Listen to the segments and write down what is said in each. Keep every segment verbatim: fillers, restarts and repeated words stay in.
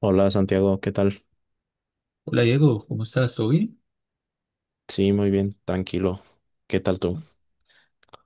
Hola Santiago, ¿qué tal? Hola Diego, ¿cómo estás? ¿Todo bien? Sí, muy bien, tranquilo. ¿Qué tal tú?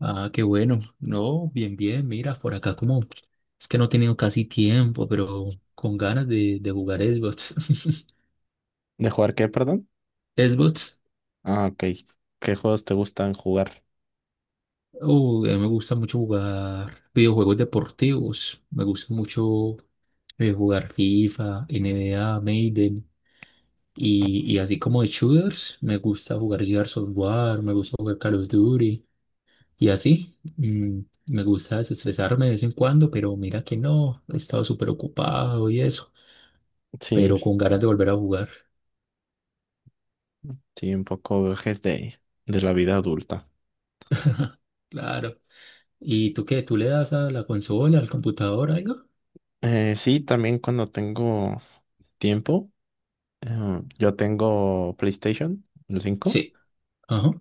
Ah, qué bueno. No, bien, bien. Mira, por acá como es que no he tenido casi tiempo, pero con ganas de, de jugar Xbox. ¿De jugar qué, perdón? Xbox, Ah, ok. ¿Qué juegos te gustan jugar? oh, a mí me gusta mucho jugar videojuegos deportivos. Me gusta mucho eh, jugar FIFA, N B A, Maiden. Y, y así como de shooters, me gusta jugar Gears of War, me gusta jugar Call of Duty. Y así, mm, me gusta desestresarme de vez en cuando, pero mira que no, he estado súper ocupado y eso, Sí, pero con ganas de volver a jugar, sí, un poco viajes de, de la vida adulta. claro. ¿Y tú qué? ¿Tú le das a la consola, al computador, algo? Eh, sí, también cuando tengo tiempo, eh, yo tengo PlayStation, el cinco. Sí. Ajá.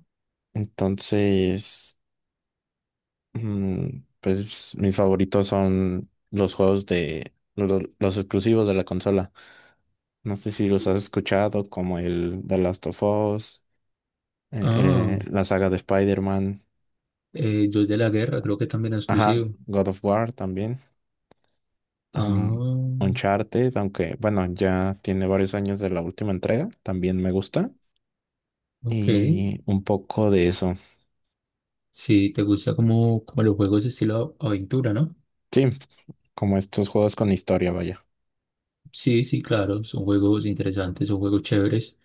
Entonces, Mm, pues mis favoritos son los juegos de lo- los, exclusivos de la consola. No sé si los has escuchado, como el The Last of Us, eh, Ah, eh, la saga de Spider-Man, eh, Dios de la Guerra, creo que también es ajá, exclusivo. God of War también, Ah, am, Uncharted, aunque bueno, ya tiene varios años de la última entrega, también me gusta. ok. Y un poco de eso. Sí, te gusta como, como los juegos estilo a- aventura, ¿no? Sí, como estos juegos con historia, vaya. Sí, sí, claro, son juegos interesantes, son juegos chéveres.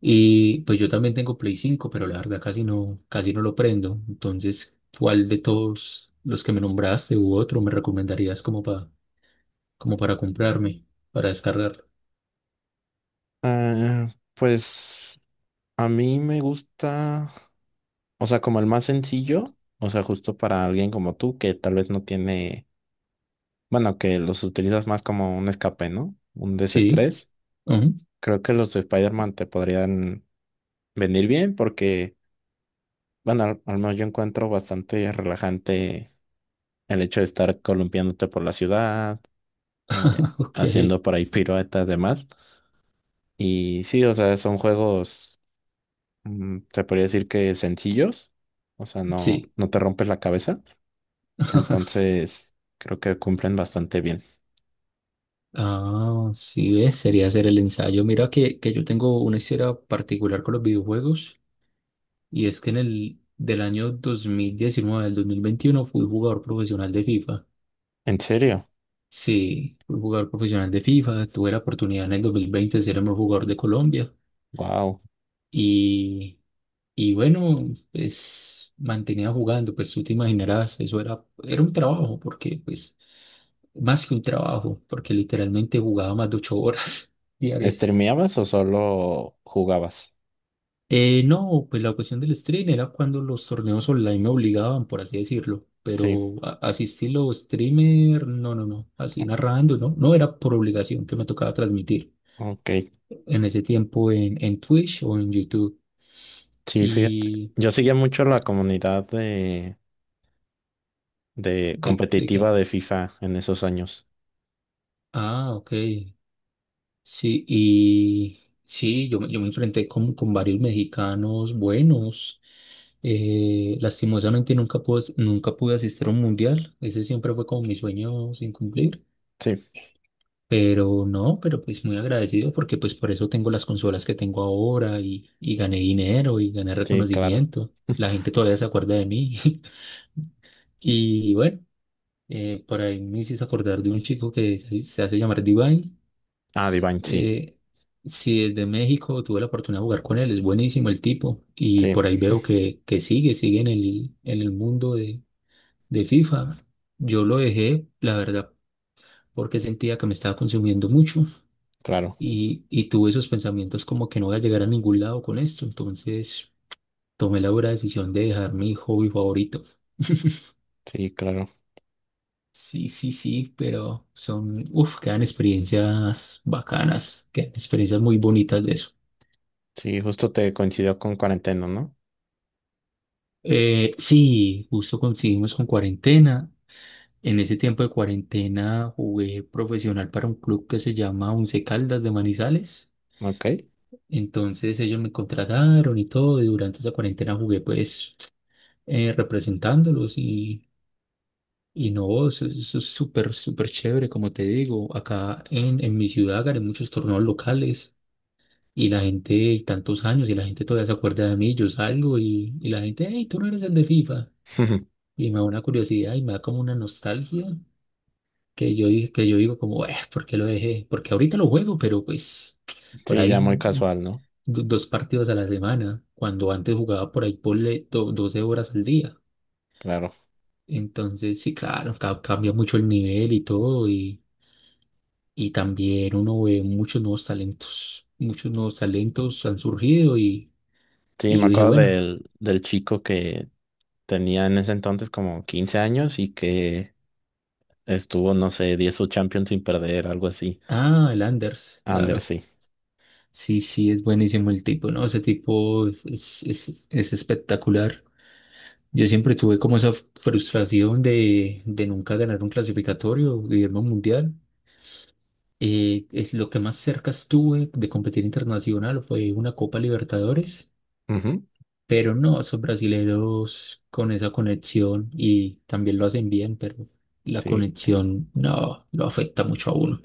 Y pues yo también tengo Play cinco, pero la verdad casi no, casi no lo prendo. Entonces, ¿cuál de todos los que me nombraste u otro me recomendarías como para, como para comprarme, para descargarlo? Ah, pues a mí me gusta. O sea, como el más sencillo, o sea, justo para alguien como tú que tal vez no tiene, bueno, que los utilizas más como un escape, ¿no? Un Sí, desestrés. ujú, Creo que los de Spider-Man te podrían venir bien porque, bueno, al, al menos yo encuentro bastante relajante el hecho de estar columpiándote por la ciudad, eh, ok, haciendo por ahí piruetas, demás. Y sí, o sea, son juegos, mm, se podría decir que sencillos, o sea, no, sí. no te rompes la cabeza. Entonces, creo que cumplen bastante bien. Ah, sí, ves, sería hacer el ensayo. Mira que, que yo tengo una historia particular con los videojuegos y es que en el del año dos mil diecinueve al dos mil veintiuno fui jugador profesional de FIFA. ¿En serio? Sí, fui jugador profesional de FIFA, tuve la oportunidad en el dos mil veinte de ser el mejor jugador de Colombia Wow. y, y bueno, pues mantenía jugando, pues tú te imaginarás, eso era, era un trabajo, porque pues más que un trabajo, porque literalmente jugaba más de ocho horas diarias. ¿Streameabas o solo jugabas? Eh, no, pues la cuestión del stream era cuando los torneos online me obligaban, por así decirlo, Sí, pero a- así estilo streamer, no, no, no, así narrando, no, no era por obligación que me tocaba transmitir. ok. En ese tiempo en, en Twitch o en YouTube. Sí, fíjate. ¿Y Yo seguía mucho la comunidad de, de de, de quién? competitiva de FIFA en esos años. Ah, ok. Sí, y sí, yo, me- yo me enfrenté con, con varios mexicanos buenos. Eh, lastimosamente nunca pude, as- nunca pude asistir a un mundial. Ese siempre fue como mi sueño sin cumplir. Sí, Pero no, pero pues muy agradecido porque pues por eso tengo las consolas que tengo ahora y, y gané dinero y gané sí, claro. reconocimiento. La gente todavía se acuerda de mí. Y bueno. Eh, por ahí me hiciste acordar de un chico que se se hace llamar Divine. Ah, Divine, sí. Eh, si es de México, tuve la oportunidad de jugar con él, es buenísimo el tipo. Y Sí, por ahí veo que, que sigue, sigue en el, en el mundo de, de FIFA. Yo lo dejé, la verdad, porque sentía que me estaba consumiendo mucho claro. y, y tuve esos pensamientos como que no voy a llegar a ningún lado con esto. Entonces tomé la dura decisión de dejar mi hobby favorito. Sí, claro. Sí, sí, sí, pero son, uff, quedan experiencias bacanas, quedan experiencias muy bonitas de eso. Sí, justo te coincidió con cuarentena, ¿no? Eh, sí, justo coincidimos con cuarentena. En ese tiempo de cuarentena jugué profesional para un club que se llama Once Caldas de Manizales. Ok. Entonces ellos me contrataron y todo, y durante esa cuarentena jugué pues eh, representándolos y, y no, eso, eso es súper, súper chévere, como te digo. Acá en, en mi ciudad gané muchos torneos locales. Y la gente, y tantos años, y la gente todavía se acuerda de mí, yo salgo y, y la gente, hey, tú no eres el de FIFA. Y me da una curiosidad y me da como una nostalgia que yo, di- que yo digo como, eh, ¿por qué lo dejé? Porque ahorita lo juego, pero pues por Sí, ahí ya muy un- casual, ¿no? do- dos partidos a la semana, cuando antes jugaba por ahí por doce horas al día. Claro. Entonces, sí, claro, ca- cambia mucho el nivel y todo, y, y también uno ve muchos nuevos talentos, muchos nuevos talentos han surgido y... Sí, Y me yo dije, acuerdo bueno. del, del chico que tenía en ese entonces como quince años y que estuvo, no sé, diez o Champions sin perder, algo así. Ah, el Anders, Under, claro. sí. Sí, sí, es buenísimo el tipo, ¿no? Ese tipo es, es, es- es espectacular. Yo siempre tuve como esa frustración de, de nunca ganar un clasificatorio, Guillermo Mundial. Eh, es lo que más cerca estuve de competir internacional fue una Copa Libertadores, Ujú. pero no, esos brasileros con esa conexión y también lo hacen bien, pero la Sí, conexión no lo afecta mucho a uno.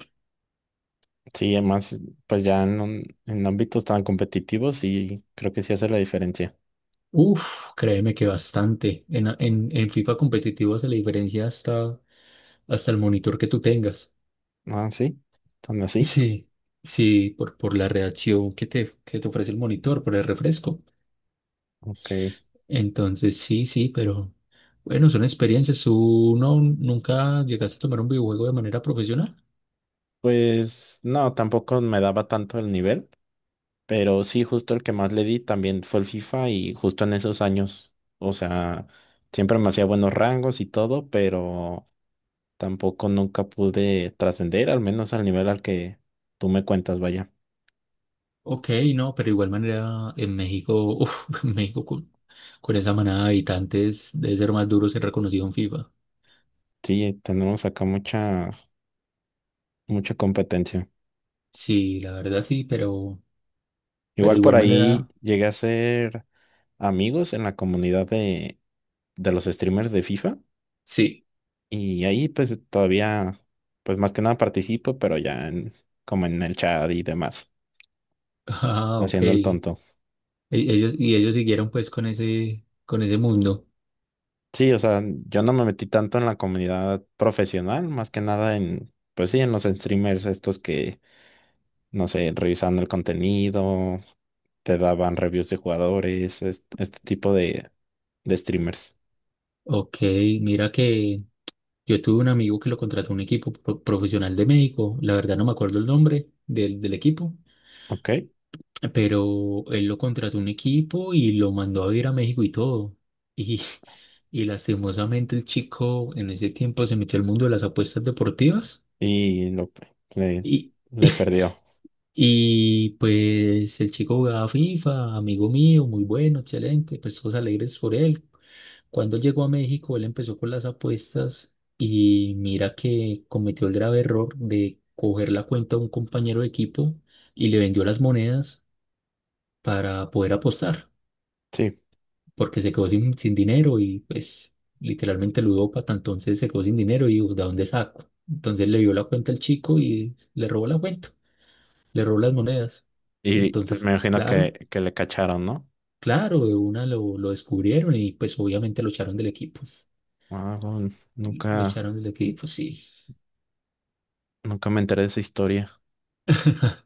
sí, además, pues ya en, un- en ámbitos tan competitivos, sí, creo que sí hace la diferencia. Uf, créeme que bastante. En, en, en FIFA competitivo hace la diferencia hasta, hasta el monitor que tú tengas. Ah, sí, tan así. Sí, sí, por, por la reacción que te, que te ofrece el monitor, por el refresco. Ok. Entonces, sí, sí, pero bueno, son experiencias. ¿Tú no, nunca llegaste a tomar un videojuego de manera profesional? Pues no, tampoco me daba tanto el nivel, pero sí, justo el que más le di también fue el FIFA y justo en esos años, o sea, siempre me hacía buenos rangos y todo, pero tampoco nunca pude trascender, al menos al nivel al que tú me cuentas, vaya. Ok, no, pero igual manera en México, uf, en México con, con esa manada de habitantes debe ser más duro ser reconocido en FIFA. Sí, tenemos acá mucha, mucha competencia. Sí, la verdad sí, pero, pero de Igual por igual ahí manera. llegué a ser amigos en la comunidad de, de los streamers de FIFA Sí. y ahí pues todavía, pues más que nada participo, pero ya en- como en el chat y demás, Ah, ok. haciendo el E- tonto. Ellos, y ellos siguieron pues con ese, con ese mundo. Sí, o sea, yo no me metí tanto en la comunidad profesional, más que nada en, pues sí, en los streamers estos que no sé, revisando el contenido, te daban reviews de jugadores, es- este, tipo de, de streamers, Ok, mira que yo tuve un amigo que lo contrató un equipo pro- profesional de México. La verdad no me acuerdo el nombre del, del equipo, ¿ok? pero él lo contrató un equipo y lo mandó a ir a México y todo. Y, y lastimosamente el chico en ese tiempo se metió al mundo de las apuestas deportivas Y lo, le, y, le perdió, y pues el chico jugaba FIFA, amigo mío, muy bueno, excelente, pues todos alegres por él. Cuando él llegó a México, él empezó con las apuestas y mira que cometió el grave error de coger la cuenta de un compañero de equipo y le vendió las monedas para poder apostar, sí. porque se quedó sin, sin dinero y pues literalmente ludópata, entonces se quedó sin dinero y dijo, ¿de dónde saco? Entonces le dio la cuenta al chico y le robó la cuenta, le robó las monedas. Y pues me Entonces, imagino claro. que, que le cacharon, ¿no? Claro, de una lo, lo descubrieron y pues obviamente lo echaron del equipo. Ah, bueno, Lo nunca, echaron del equipo, sí. nunca me enteré de esa historia.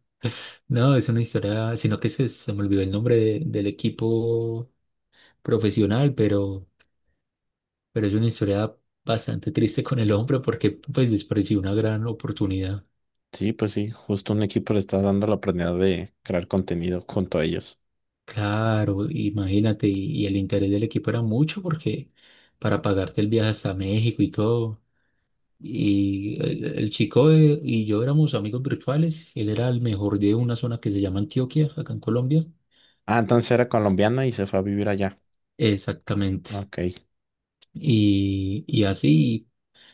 No, es una historia, sino que se, se me olvidó el nombre de- del equipo profesional, pero, pero es una historia bastante triste con el hombre porque pues desperdició una gran oportunidad. Sí, pues sí, justo un equipo le está dando la oportunidad de crear contenido junto a ellos. Claro, imagínate, y, y el interés del equipo era mucho porque para pagarte el viaje hasta México y todo. Y el, el chico eh, y yo éramos amigos virtuales. Él era el mejor de una zona que se llama Antioquia, acá en Colombia. Ah, entonces era colombiana y se fue a vivir allá. Exactamente. Ok, Y, y así,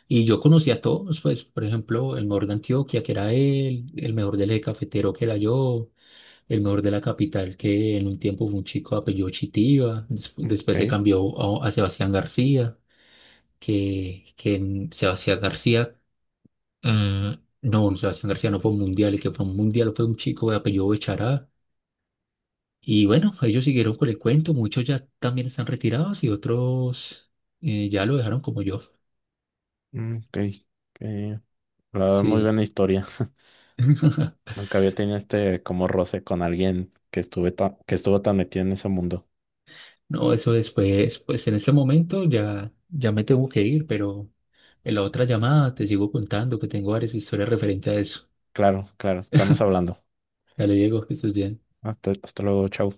y yo conocí a todos, pues, por ejemplo, el mejor de Antioquia, que era él, el mejor del eje cafetero, que era yo, el mejor de la capital, que en un tiempo fue un chico de apellido Chitiva, desp- después se ok, cambió a, a Sebastián García, que, que en Sebastián García Eh, no, no, Sebastián García no fue un mundial, el que fue un mundial fue un chico de apellido Bechará. Y bueno, ellos siguieron con el cuento, muchos ya también están retirados y otros eh, ya lo dejaron como yo. ok. Ok. Eh, la verdad, muy Sí, buena historia. Nunca había tenido este como roce con alguien que estuve ta- que estuvo tan metido en ese mundo. no, eso después, pues en este momento ya, ya me tengo que ir, pero en la otra llamada te sigo contando que tengo varias historias referente a eso. Claro, claro, estamos hablando. Dale, Diego, que estés bien. Hasta, hasta luego, chau.